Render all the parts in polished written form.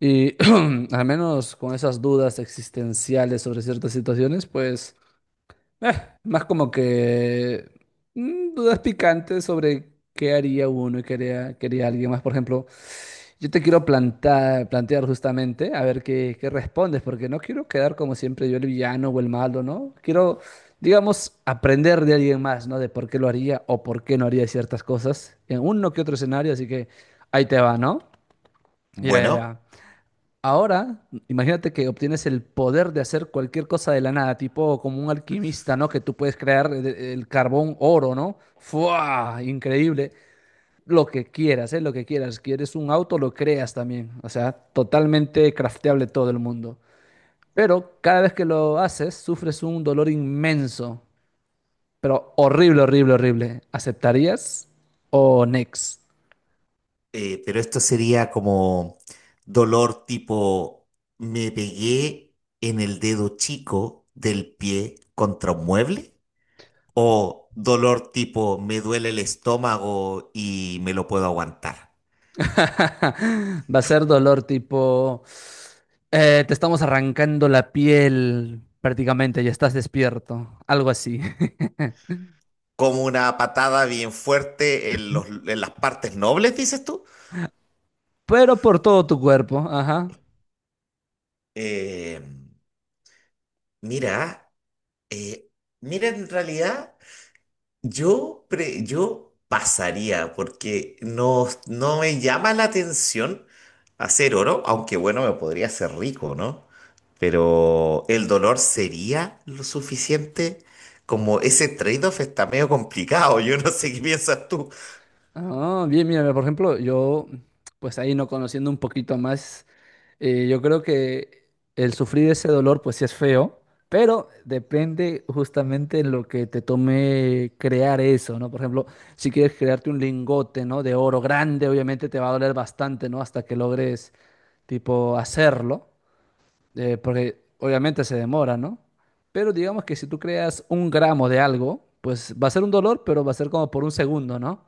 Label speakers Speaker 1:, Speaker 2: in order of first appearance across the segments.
Speaker 1: Y al menos con esas dudas existenciales sobre ciertas situaciones, pues eh, más como que dudas picantes sobre qué haría uno y qué haría alguien más. Por ejemplo, yo te quiero plantear justamente, a ver qué respondes, porque no quiero quedar como siempre yo el villano o el malo, ¿no? Quiero, digamos, aprender de alguien más, ¿no? De por qué lo haría o por qué no haría ciertas cosas en uno que otro escenario, así que ahí te va, ¿no? Ya, ya, ya.
Speaker 2: Bueno,
Speaker 1: Ahora, imagínate que obtienes el poder de hacer cualquier cosa de la nada, tipo como un alquimista, ¿no? Que tú puedes crear el carbón oro, ¿no? ¡Fua! Increíble. Lo que quieras, ¿eh? Lo que quieras. Quieres un auto, lo creas también. O sea, totalmente crafteable todo el mundo. Pero cada vez que lo haces, sufres un dolor inmenso, pero horrible, horrible, horrible. ¿Aceptarías o next?
Speaker 2: pero esto sería como dolor tipo, me pegué en el dedo chico del pie contra un mueble o dolor tipo, me duele el estómago y me lo puedo aguantar.
Speaker 1: Va a ser dolor tipo, te estamos arrancando la piel prácticamente, ya estás despierto, algo así.
Speaker 2: Como una patada bien fuerte en en las partes nobles, dices tú.
Speaker 1: Pero por todo tu cuerpo, ajá.
Speaker 2: Eh, mira, eh, mira, en realidad, yo pasaría porque no me llama la atención hacer oro, aunque bueno, me podría hacer rico, ¿no? Pero el dolor sería lo suficiente. Como ese trade-off está medio complicado, yo no sé qué piensas tú.
Speaker 1: Ah, bien, mira, por ejemplo, yo, pues ahí no conociendo un poquito más, yo creo que el sufrir ese dolor, pues sí es feo, pero depende justamente en lo que te tome crear eso, ¿no? Por ejemplo, si quieres crearte un lingote, ¿no? De oro grande, obviamente te va a doler bastante, ¿no? Hasta que logres, tipo, hacerlo, porque obviamente se demora, ¿no? Pero digamos que si tú creas un gramo de algo, pues va a ser un dolor, pero va a ser como por un segundo, ¿no?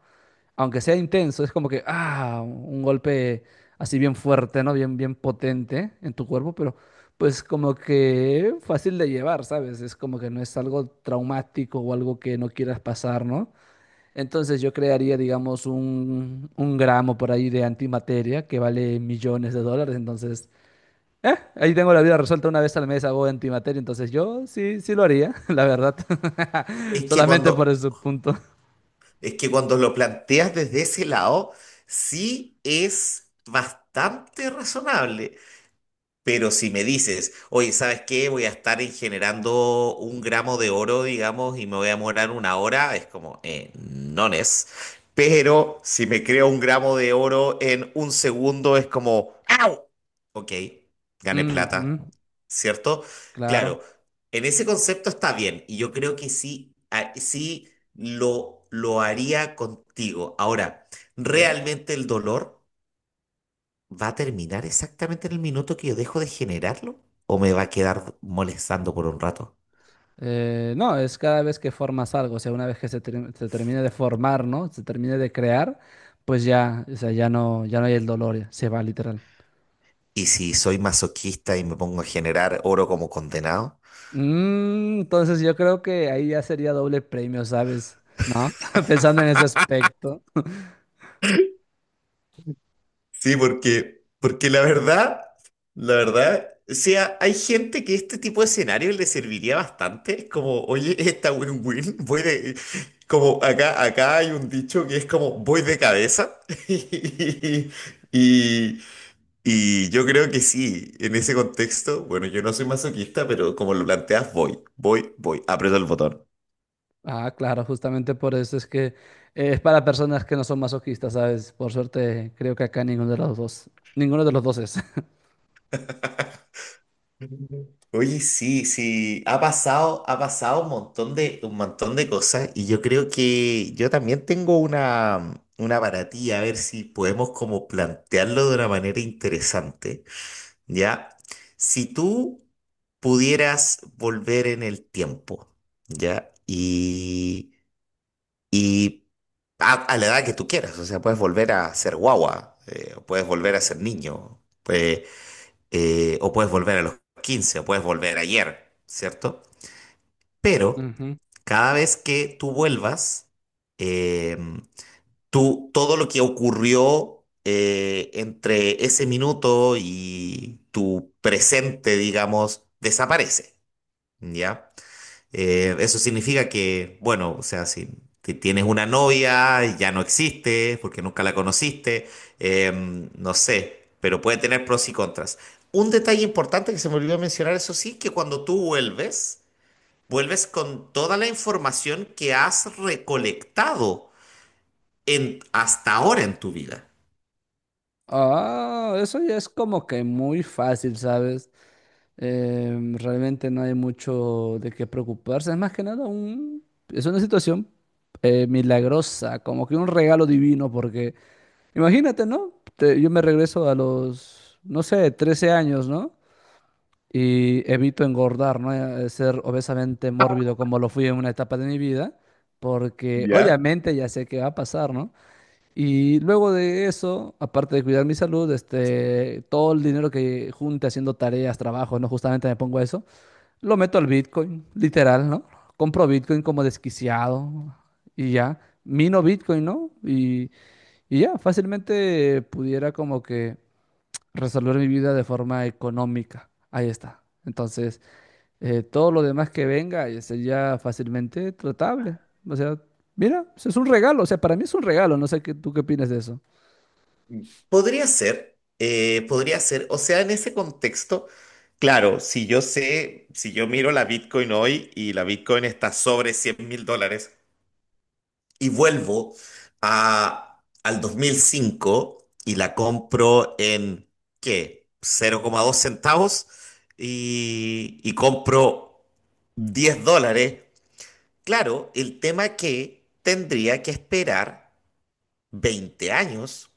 Speaker 1: Aunque sea intenso, es como que, ah, un golpe así bien fuerte, ¿no? Bien, bien potente en tu cuerpo, pero pues como que fácil de llevar, ¿sabes? Es como que no es algo traumático o algo que no quieras pasar, ¿no? Entonces yo crearía, digamos, un gramo por ahí de antimateria que vale millones de dólares, entonces, ahí tengo la vida resuelta una vez al mes hago antimateria, entonces yo sí, sí lo haría, la verdad,
Speaker 2: Es que
Speaker 1: solamente por
Speaker 2: cuando,
Speaker 1: ese punto.
Speaker 2: es que cuando lo planteas desde ese lado, sí es bastante razonable. Pero si me dices, oye, ¿sabes qué? Voy a estar en generando un gramo de oro, digamos, y me voy a demorar una hora, es como, no es. Pero si me creo un gramo de oro en un segundo, es como, ¡au! Ok, gané
Speaker 1: Ujú,
Speaker 2: plata, ¿cierto?
Speaker 1: claro.
Speaker 2: Claro, en ese concepto está bien, y yo creo que sí, sí lo haría contigo. Ahora,
Speaker 1: ¿Qué?
Speaker 2: realmente el dolor. ¿Va a terminar exactamente en el minuto que yo dejo de generarlo? ¿O me va a quedar molestando por un rato?
Speaker 1: No, es cada vez que formas algo, o sea, una vez que se termine de formar, ¿no? Se termine de crear, pues ya, o sea, ya no hay el dolor, ya, se va literal.
Speaker 2: ¿Y si soy masoquista y me pongo a generar oro como condenado?
Speaker 1: Mm, entonces yo creo que ahí ya sería doble premio, ¿sabes? ¿No? Pensando en ese aspecto.
Speaker 2: Sí, porque la verdad, o sea, hay gente que este tipo de escenario le serviría bastante. Es como, oye, esta win-win, voy de. Como acá hay un dicho que es como voy de cabeza. Y, Y yo creo que sí, en ese contexto, bueno, yo no soy masoquista, pero como lo planteas, voy, voy, voy, aprieto el botón.
Speaker 1: Ah, claro, justamente por eso es que es para personas que no son masoquistas, ¿sabes? Por suerte, creo que acá ninguno de los dos es.
Speaker 2: Oye, sí, sí, ha pasado un montón de cosas y yo creo que yo también tengo una para ti, a ver si podemos como plantearlo de una manera interesante, ¿ya? Si tú pudieras volver en el tiempo, ¿ya? y a la edad que tú quieras. O sea, puedes volver a ser guagua, o puedes volver a ser niño, o puedes volver a los 15 o puedes volver ayer, ¿cierto? Pero
Speaker 1: Ujú.
Speaker 2: cada vez que tú vuelvas, eh, todo lo que ocurrió entre ese minuto y tu presente, digamos, desaparece, ¿ya? Eso significa que, bueno, o sea, si tienes una novia, ya no existe porque nunca la conociste, no sé, pero puede tener pros y contras. Un detalle importante que se me olvidó mencionar, eso sí, que cuando tú vuelves, vuelves con toda la información que has recolectado hasta ahora en tu vida.
Speaker 1: Ah, eso ya es como que muy fácil, ¿sabes? Realmente no hay mucho de qué preocuparse. Es más que nada es una situación milagrosa, como que un regalo divino, porque imagínate, ¿no? Yo me regreso a los, no sé, 13 años, ¿no? Y evito engordar, ¿no? Ser obesamente mórbido como lo fui en una etapa de mi vida, porque
Speaker 2: Ya.
Speaker 1: obviamente ya sé qué va a pasar, ¿no? Y luego de eso, aparte de cuidar mi salud, este, todo el dinero que junte haciendo tareas, trabajo, ¿no? Justamente me pongo a eso, lo meto al Bitcoin, literal, ¿no? Compro Bitcoin como desquiciado y ya. Mino Bitcoin, ¿no? Y ya, fácilmente pudiera como que resolver mi vida de forma económica. Ahí está. Entonces, todo lo demás que venga sería fácilmente tratable. O sea, mira, es un regalo. O sea, para mí es un regalo. No sé qué, tú qué opinas de eso.
Speaker 2: Podría ser, o sea, en ese contexto, claro, si yo miro la Bitcoin hoy y la Bitcoin está sobre 100.000 dólares y vuelvo al 2005 y la compro en, ¿qué? 0,2 centavos y compro 10 dólares, claro, el tema que tendría que esperar 20 años,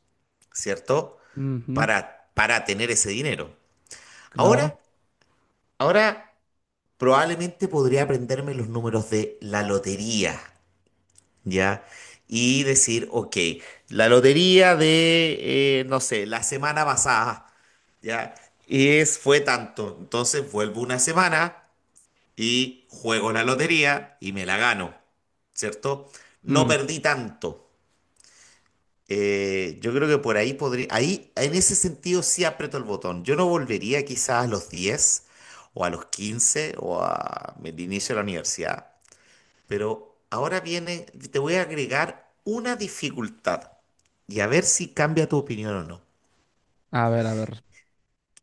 Speaker 2: ¿cierto?
Speaker 1: Ujú,
Speaker 2: Para tener ese dinero.
Speaker 1: claro.
Speaker 2: Ahora, ahora probablemente podría aprenderme los números de la lotería, ¿ya? Y decir, ok, la lotería no sé, la semana pasada, ¿ya? Fue tanto. Entonces vuelvo una semana y juego la lotería y me la gano, ¿cierto? No
Speaker 1: Mm,
Speaker 2: perdí tanto. Yo creo que por ahí podría, ahí en ese sentido sí aprieto el botón. Yo no volvería quizás a los 10 o a los 15 o a el inicio de la universidad, pero ahora viene, te voy a agregar una dificultad y a ver si cambia tu opinión o no.
Speaker 1: a ver, a ver.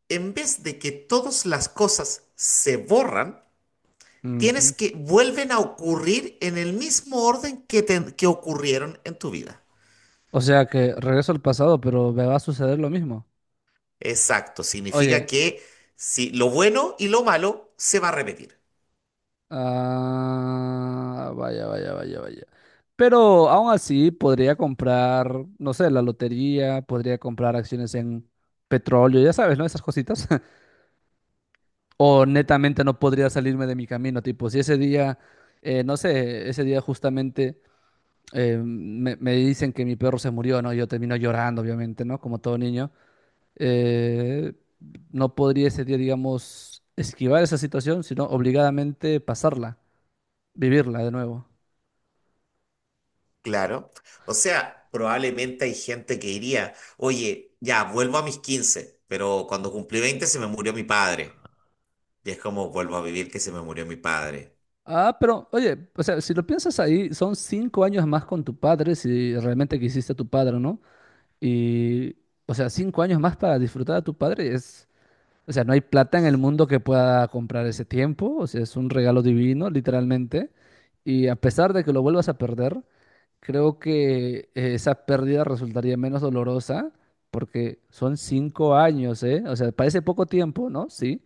Speaker 2: En vez de que todas las cosas se borran, tienes
Speaker 1: Ujú.
Speaker 2: que vuelven a ocurrir en el mismo orden que ocurrieron en tu vida.
Speaker 1: O sea que regreso al pasado, pero me va a suceder lo mismo.
Speaker 2: Exacto, significa
Speaker 1: Oye,
Speaker 2: que si lo bueno y lo malo se va a repetir,
Speaker 1: ah, vaya, vaya, vaya, vaya. Pero aún así podría comprar, no sé, la lotería, podría comprar acciones en petróleo, ya sabes, ¿no? Esas cositas. O netamente no podría salirme de mi camino, tipo, si ese día, no sé, ese día justamente me dicen que mi perro se murió, ¿no? Yo termino llorando, obviamente, ¿no? Como todo niño. Eh, no podría ese día, digamos, esquivar esa situación, sino obligadamente pasarla, vivirla de nuevo.
Speaker 2: claro. O sea, probablemente hay gente que diría, oye, ya, vuelvo a mis 15, pero cuando cumplí 20 se me murió mi padre. Y es como, vuelvo a vivir que se me murió mi padre.
Speaker 1: Ah, pero oye, o sea, si lo piensas ahí, son 5 años más con tu padre, si realmente quisiste a tu padre, ¿no? Y, o sea, 5 años más para disfrutar a tu padre es, o sea, no hay plata en el mundo que pueda comprar ese tiempo, o sea, es un regalo divino, literalmente. Y a pesar de que lo vuelvas a perder, creo que esa pérdida resultaría menos dolorosa, porque son 5 años, ¿eh? O sea, parece poco tiempo, ¿no? Sí,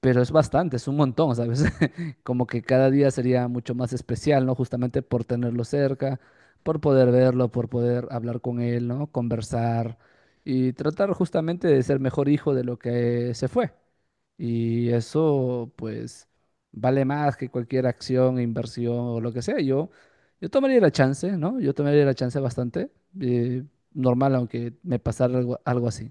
Speaker 1: pero es bastante, es un montón, ¿sabes? Como que cada día sería mucho más especial, ¿no? Justamente por tenerlo cerca, por poder verlo, por poder hablar con él, ¿no? Conversar y tratar justamente de ser mejor hijo de lo que se fue. Y eso, pues, vale más que cualquier acción, inversión o lo que sea. Yo tomaría la chance, ¿no? Yo tomaría la chance bastante, eh, normal, aunque me pasara algo, algo así.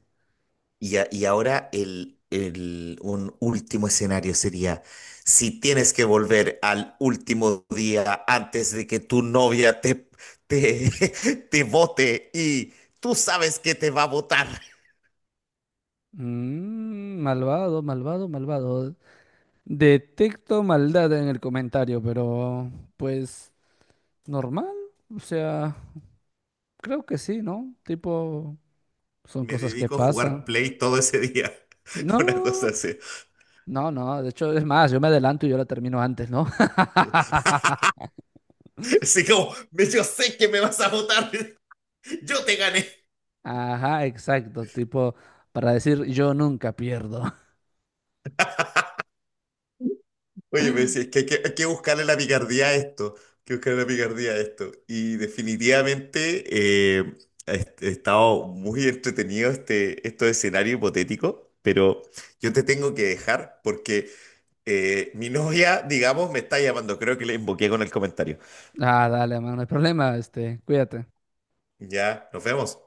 Speaker 2: Y ahora el un último escenario sería, si tienes que volver al último día antes de que tu novia te, te vote y tú sabes que te va a votar.
Speaker 1: Mm, malvado, malvado, malvado. Detecto maldad en el comentario, pero pues normal, o sea, creo que sí, ¿no? Tipo, son
Speaker 2: Me
Speaker 1: cosas que
Speaker 2: dedico a jugar
Speaker 1: pasan.
Speaker 2: Play todo ese día. Una cosa
Speaker 1: No,
Speaker 2: así.
Speaker 1: no, no, de hecho es más, yo me adelanto y yo la termino antes, ¿no?
Speaker 2: Así como, yo sé que me vas a votar. Yo te gané.
Speaker 1: Ajá, exacto, tipo, para decir yo nunca pierdo.
Speaker 2: Oye, me decía, es que, hay que buscarle la picardía a esto. Hay que buscarle la picardía a esto. Y definitivamente he estado muy entretenido estos escenarios hipotéticos. Pero yo te tengo que dejar porque mi novia, digamos, me está llamando. Creo que le invoqué con el comentario.
Speaker 1: Ah, dale, man, no hay problema, este, cuídate.
Speaker 2: Ya, nos vemos.